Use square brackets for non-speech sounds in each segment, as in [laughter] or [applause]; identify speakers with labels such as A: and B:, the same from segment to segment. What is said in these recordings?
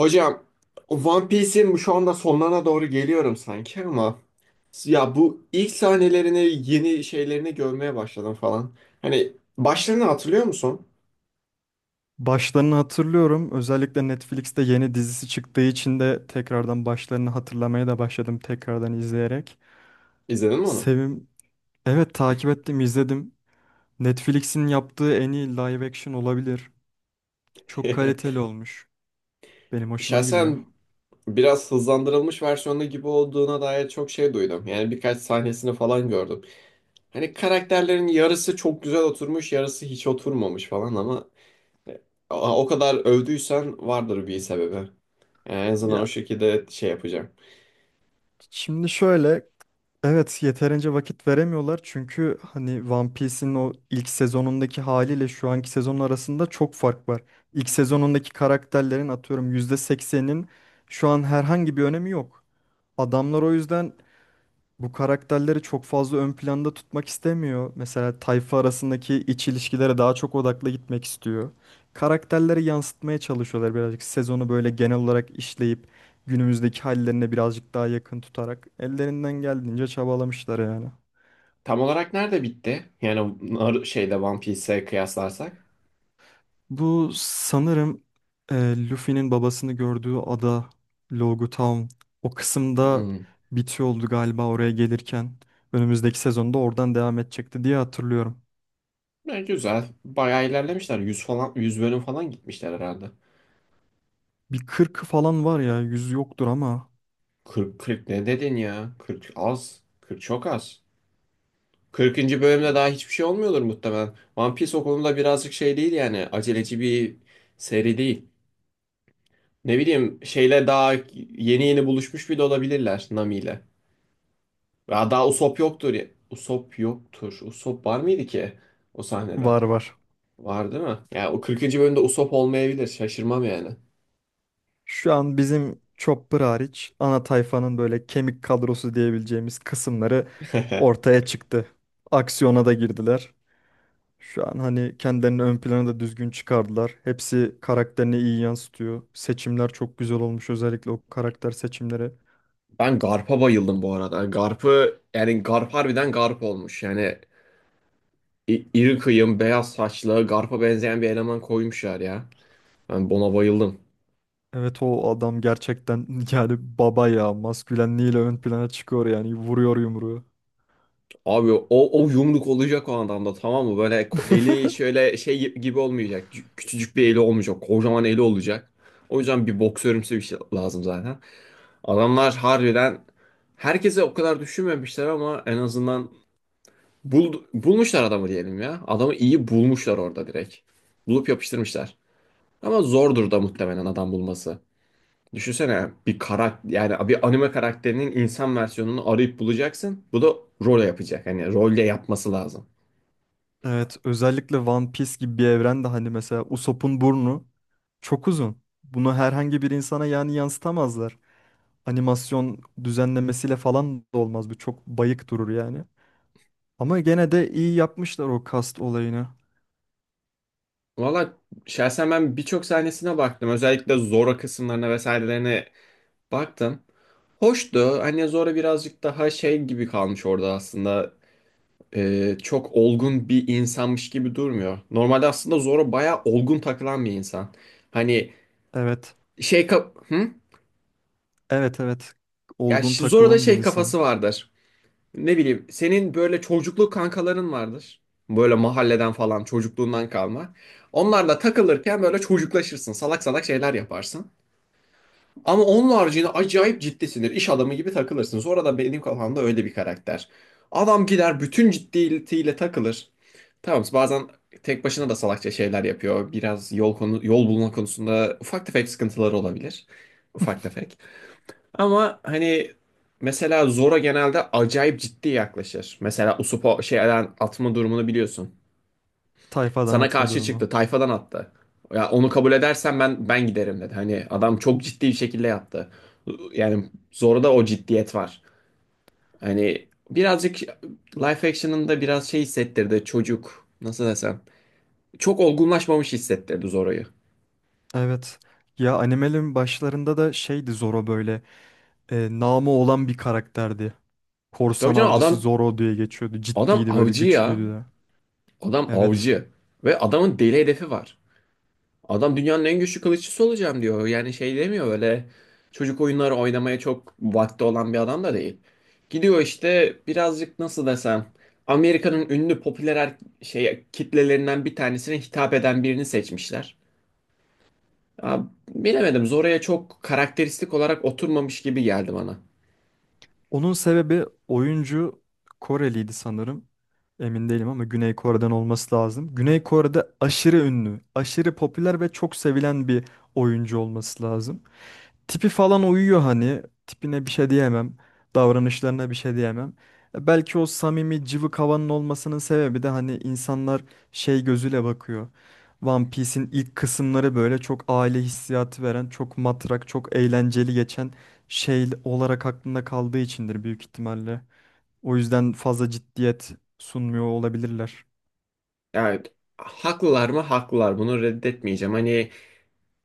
A: Hocam, One Piece'in şu anda sonlarına doğru geliyorum sanki ama ya bu ilk sahnelerini yeni şeylerini görmeye başladım falan. Hani başlarını hatırlıyor musun?
B: Başlarını hatırlıyorum. Özellikle Netflix'te yeni dizisi çıktığı için de tekrardan başlarını hatırlamaya da başladım tekrardan izleyerek.
A: İzledin mi onu?
B: Sevim, evet takip ettim, izledim. Netflix'in yaptığı en iyi live action olabilir. Çok
A: [laughs]
B: kaliteli olmuş. Benim hoşuma gidiyor.
A: Şahsen biraz hızlandırılmış versiyonu gibi olduğuna dair çok şey duydum. Yani birkaç sahnesini falan gördüm. Hani karakterlerin yarısı çok güzel oturmuş, yarısı hiç oturmamış falan ama o o kadar övdüysen vardır bir sebebi. Yani en azından o
B: Ya.
A: şekilde şey yapacağım.
B: Şimdi şöyle, evet yeterince vakit veremiyorlar çünkü hani One Piece'in o ilk sezonundaki haliyle şu anki sezonun arasında çok fark var. İlk sezonundaki karakterlerin atıyorum %80'in şu an herhangi bir önemi yok. Adamlar o yüzden bu karakterleri çok fazla ön planda tutmak istemiyor. Mesela tayfa arasındaki iç ilişkilere daha çok odaklı gitmek istiyor. Karakterleri yansıtmaya çalışıyorlar birazcık. Sezonu böyle genel olarak işleyip günümüzdeki hallerine birazcık daha yakın tutarak ellerinden geldiğince çabalamışlar yani.
A: Tam olarak nerede bitti? Yani şeyde One Piece'e kıyaslarsak.
B: Bu sanırım Luffy'nin babasını gördüğü ada, Logu Town, o kısımda
A: Hmm.
B: bitiyor oldu galiba oraya gelirken. Önümüzdeki sezonda oradan devam edecekti diye hatırlıyorum.
A: Ya güzel. Bayağı ilerlemişler. 100 falan 100 bölüm falan gitmişler herhalde.
B: Bir 40'ı falan var ya, 100 yoktur ama.
A: 40, 40 ne dedin ya? 40 az. 40 çok az. 40. bölümde daha hiçbir şey olmuyordur muhtemelen. One Piece o konuda birazcık şey değil yani. Aceleci bir seri değil. Ne bileyim şeyle daha yeni yeni buluşmuş bile olabilirler Nami ile. Daha Usopp yoktur. Usopp yoktur. Usopp var mıydı ki o sahnede?
B: Var var.
A: Var değil mi? Ya o 40. bölümde Usopp olmayabilir. Şaşırmam yani.
B: Şu an bizim Chopper hariç ana tayfanın böyle kemik kadrosu diyebileceğimiz kısımları
A: [laughs]
B: ortaya çıktı. Aksiyona da girdiler. Şu an hani kendilerini ön plana da düzgün çıkardılar. Hepsi karakterini iyi yansıtıyor. Seçimler çok güzel olmuş, özellikle o karakter seçimleri.
A: Ben Garp'a bayıldım bu arada. Garp'ı yani Garp harbiden Garp olmuş. Yani iri kıyım, beyaz saçlı, Garp'a benzeyen bir eleman koymuşlar ya. Ben buna bayıldım.
B: Evet, o adam gerçekten [laughs] yani baba ya, maskülenliğiyle ön plana çıkıyor yani, vuruyor yumruğu.
A: Abi o yumruk olacak o adamda, tamam mı? Böyle eli
B: [laughs]
A: şöyle şey gibi olmayacak. Küçücük bir eli olmayacak. Kocaman eli olacak. O yüzden bir boksörümsü bir şey lazım zaten. Adamlar harbiden herkese o kadar düşünmemişler ama en azından bulmuşlar adamı diyelim ya. Adamı iyi bulmuşlar orada direkt. Bulup yapıştırmışlar. Ama zordur da muhtemelen adam bulması. Düşünsene bir karakter, yani bir anime karakterinin insan versiyonunu arayıp bulacaksın. Bu da role yapacak. Hani rolle yapması lazım.
B: Evet, özellikle One Piece gibi bir evrende hani mesela Usopp'un burnu çok uzun. Bunu herhangi bir insana yani yansıtamazlar. Animasyon düzenlemesiyle falan da olmaz. Bu çok bayık durur yani. Ama gene de iyi yapmışlar o kast olayını.
A: Valla şahsen ben birçok sahnesine baktım. Özellikle Zora kısımlarına vesairelerine baktım. Hoştu. Hani Zora birazcık daha şey gibi kalmış orada aslında. Çok olgun bir insanmış gibi durmuyor. Normalde aslında Zoro bayağı olgun takılan bir insan. Hani
B: Evet.
A: şey kap hı?
B: Evet, evet.
A: Ya
B: Olgun
A: Zoro'da
B: takılan bir
A: şey
B: insan.
A: kafası vardır. Ne bileyim, senin böyle çocukluk kankaların vardır. Böyle mahalleden falan, çocukluğundan kalma. Onlarla takılırken böyle çocuklaşırsın. Salak salak şeyler yaparsın. Ama onun haricinde acayip ciddisindir. İş adamı gibi takılırsın. Zoro da benim kafamda öyle bir karakter. Adam gider bütün ciddiyetiyle takılır. Tamam, bazen tek başına da salakça şeyler yapıyor. Biraz yol konu yol bulma konusunda ufak tefek sıkıntıları olabilir. Ufak tefek. Ama hani, mesela Zora genelde acayip ciddi yaklaşır. Mesela Usopp şeyden atma durumunu biliyorsun.
B: Tayfadan
A: Sana
B: atma
A: karşı çıktı,
B: durumu.
A: tayfadan attı. Ya onu kabul edersen ben giderim dedi. Hani adam çok ciddi bir şekilde yaptı. Yani Zora'da o ciddiyet var. Hani birazcık live action'ın da biraz şey hissettirdi çocuk. Nasıl desem? Çok olgunlaşmamış hissettirdi Zora'yı.
B: Evet. Ya animelerin başlarında da şeydi Zoro böyle. Namı olan bir karakterdi.
A: Tabii
B: Korsan
A: canım,
B: avcısı
A: adam
B: Zoro diye geçiyordu.
A: adam
B: Ciddiydi, böyle
A: avcı ya.
B: güçlüydü de.
A: Adam
B: Evet.
A: avcı. Ve adamın deli hedefi var. Adam, dünyanın en güçlü kılıççısı olacağım diyor. Yani şey demiyor, öyle çocuk oyunları oynamaya çok vakti olan bir adam da değil. Gidiyor işte birazcık, nasıl desem, Amerika'nın ünlü popüler şey kitlelerinden bir tanesine hitap eden birini seçmişler. Ya, bilemedim, Zora'ya çok karakteristik olarak oturmamış gibi geldi bana.
B: Onun sebebi oyuncu Koreliydi sanırım. Emin değilim ama Güney Kore'den olması lazım. Güney Kore'de aşırı ünlü, aşırı popüler ve çok sevilen bir oyuncu olması lazım. Tipi falan uyuyor hani. Tipine bir şey diyemem. Davranışlarına bir şey diyemem. Belki o samimi cıvık havanın olmasının sebebi de hani insanlar şey gözüyle bakıyor. One Piece'in ilk kısımları böyle çok aile hissiyatı veren, çok matrak, çok eğlenceli geçen şey olarak aklında kaldığı içindir büyük ihtimalle. O yüzden fazla ciddiyet sunmuyor olabilirler.
A: Evet. Haklılar mı? Haklılar. Bunu reddetmeyeceğim. Hani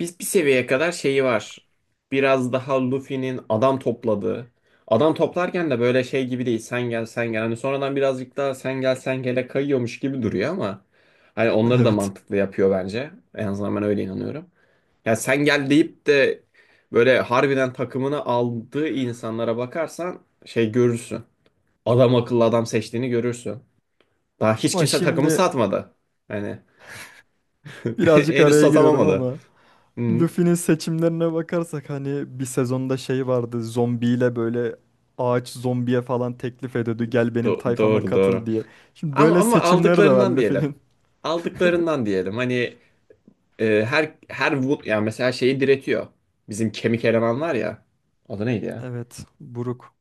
A: biz bir seviyeye kadar şeyi var. Biraz daha Luffy'nin adam topladığı. Adam toplarken de böyle şey gibi değil. Sen gel sen gel. Hani sonradan birazcık daha sen gel sen gele kayıyormuş gibi duruyor ama hani onları da
B: [laughs] Evet.
A: mantıklı yapıyor bence. En azından ben öyle inanıyorum. Ya sen gel deyip de böyle harbiden takımını aldığı insanlara bakarsan şey görürsün. Adam akıllı adam seçtiğini görürsün. Daha hiç
B: Ama
A: kimse takımı
B: şimdi
A: satmadı. Hani [laughs]
B: birazcık
A: henüz
B: araya giriyorum
A: satamamadı.
B: ama
A: Hı,
B: Luffy'nin seçimlerine bakarsak hani bir sezonda şey vardı, zombiyle böyle ağaç zombiye falan teklif ediyordu gel benim tayfama
A: doğru
B: katıl
A: doğru.
B: diye. Şimdi
A: Ama
B: böyle
A: ama
B: seçimleri de var
A: aldıklarından diyelim.
B: Luffy'nin.
A: Aldıklarından diyelim. Hani yani mesela şeyi diretiyor. Bizim kemik eleman var ya. O da neydi ya?
B: Evet, buruk.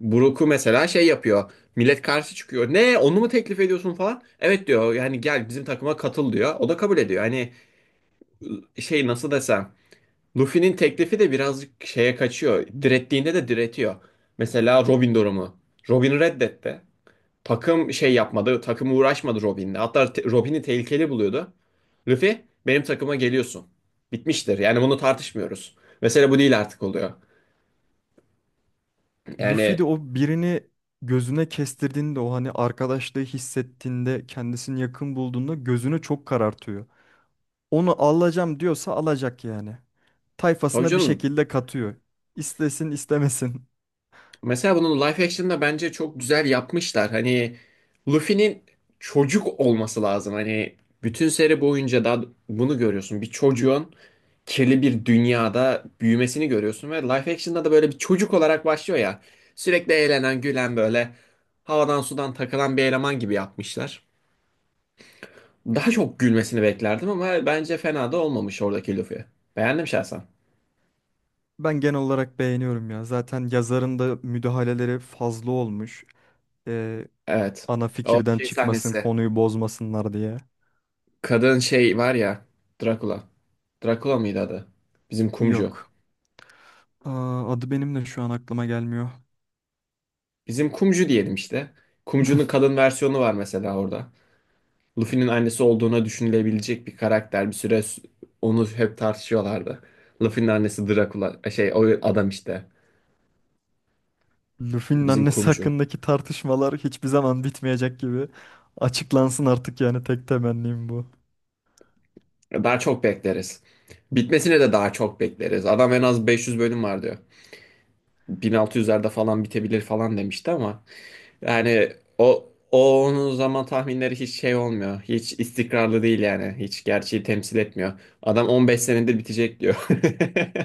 A: Brook'u mesela şey yapıyor. Millet karşı çıkıyor. Ne, onu mu teklif ediyorsun falan? Evet diyor. Yani gel bizim takıma katıl diyor. O da kabul ediyor. Hani şey, nasıl desem. Luffy'nin teklifi de birazcık şeye kaçıyor. Direttiğinde de diretiyor. Mesela Robin durumu. Robin reddetti. Takım şey yapmadı. Takım uğraşmadı Robin'le. Hatta Robin'i tehlikeli buluyordu. Luffy, benim takıma geliyorsun. Bitmiştir. Yani bunu tartışmıyoruz. Mesele bu değil artık oluyor.
B: Luffy
A: Yani
B: de o birini gözüne kestirdiğinde, o hani arkadaşlığı hissettiğinde, kendisini yakın bulduğunda gözünü çok karartıyor. Onu alacağım diyorsa alacak yani.
A: tabii
B: Tayfasına bir
A: canım,
B: şekilde katıyor. İstesin istemesin.
A: mesela bunu live action'da bence çok güzel yapmışlar. Hani Luffy'nin çocuk olması lazım. Hani bütün seri boyunca da bunu görüyorsun. Bir çocuğun kirli bir dünyada büyümesini görüyorsun ve live action'da da böyle bir çocuk olarak başlıyor ya. Sürekli eğlenen, gülen, böyle havadan sudan takılan bir eleman gibi yapmışlar. Daha çok gülmesini beklerdim ama bence fena da olmamış oradaki Luffy. Beğendim şahsen.
B: Ben genel olarak beğeniyorum ya. Zaten yazarın da müdahaleleri fazla olmuş. Ee,
A: Evet.
B: Ana
A: O
B: fikirden
A: şey
B: çıkmasın,
A: sahnesi.
B: konuyu bozmasınlar diye.
A: Kadın şey var ya, Drakula. Drakula mıydı adı? Bizim kumcu.
B: Yok. Aa, adı benim de şu an aklıma gelmiyor.
A: Bizim kumcu diyelim işte. Kumcu'nun
B: [laughs]
A: kadın versiyonu var mesela orada. Luffy'nin annesi olduğuna düşünülebilecek bir karakter. Bir süre onu hep tartışıyorlardı. Luffy'nin annesi Drakula. Şey, o adam işte.
B: Luffy'nin
A: Bizim
B: annesi
A: kumcu.
B: hakkındaki tartışmalar hiçbir zaman bitmeyecek gibi. Açıklansın artık, yani tek temennim bu.
A: Daha çok bekleriz. Bitmesine de daha çok bekleriz. Adam, en az 500 bölüm var diyor. 1600'lerde falan bitebilir falan demişti ama. Yani o o onun zaman tahminleri hiç şey olmuyor. Hiç istikrarlı değil yani. Hiç gerçeği temsil etmiyor. Adam 15 senedir bitecek diyor. [laughs]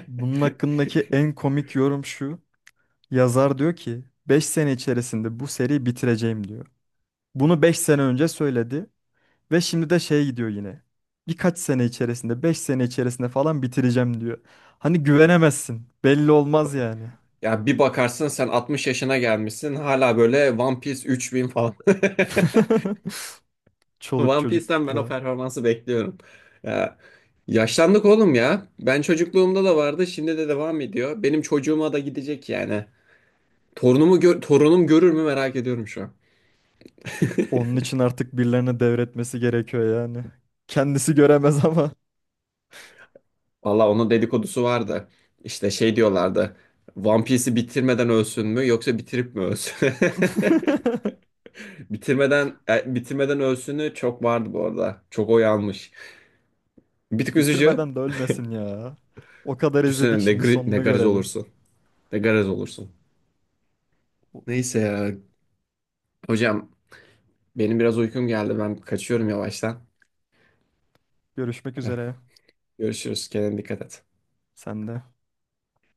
B: Bunun hakkındaki en komik yorum şu. Yazar diyor ki 5 sene içerisinde bu seriyi bitireceğim diyor. Bunu 5 sene önce söyledi. Ve şimdi de şey gidiyor yine. Birkaç sene içerisinde, 5 sene içerisinde falan bitireceğim diyor. Hani güvenemezsin. Belli olmaz yani.
A: Ya bir bakarsın sen 60 yaşına gelmişsin hala böyle One Piece 3.000 falan.
B: [laughs]
A: [laughs]
B: Çoluk
A: One Piece'ten ben o
B: çocukla.
A: performansı bekliyorum. Ya, yaşlandık oğlum ya. Ben çocukluğumda da vardı, şimdi de devam ediyor. Benim çocuğuma da gidecek yani. Torunumu gör, torunum görür mü merak ediyorum şu an.
B: Onun için artık birilerine devretmesi gerekiyor yani. Kendisi göremez ama.
A: Valla onun dedikodusu vardı. İşte şey diyorlardı. One Piece'i bitirmeden ölsün mü yoksa bitirip mi ölsün?
B: [laughs]
A: [laughs] Bitirmeden bitirmeden ölsünü çok vardı bu arada. Çok oy almış. Bir tık üzücü.
B: Bitirmeden de ölmesin ya. O kadar izledik,
A: Düşünsene
B: şimdi
A: ne
B: sonunu
A: gariz
B: görelim.
A: olursun. Ne gariz olursun. Neyse ya. Hocam, benim biraz uykum geldi. Ben kaçıyorum yavaştan.
B: Görüşmek
A: Eh,
B: üzere.
A: Görüşürüz. Kendine dikkat et.
B: Sen de.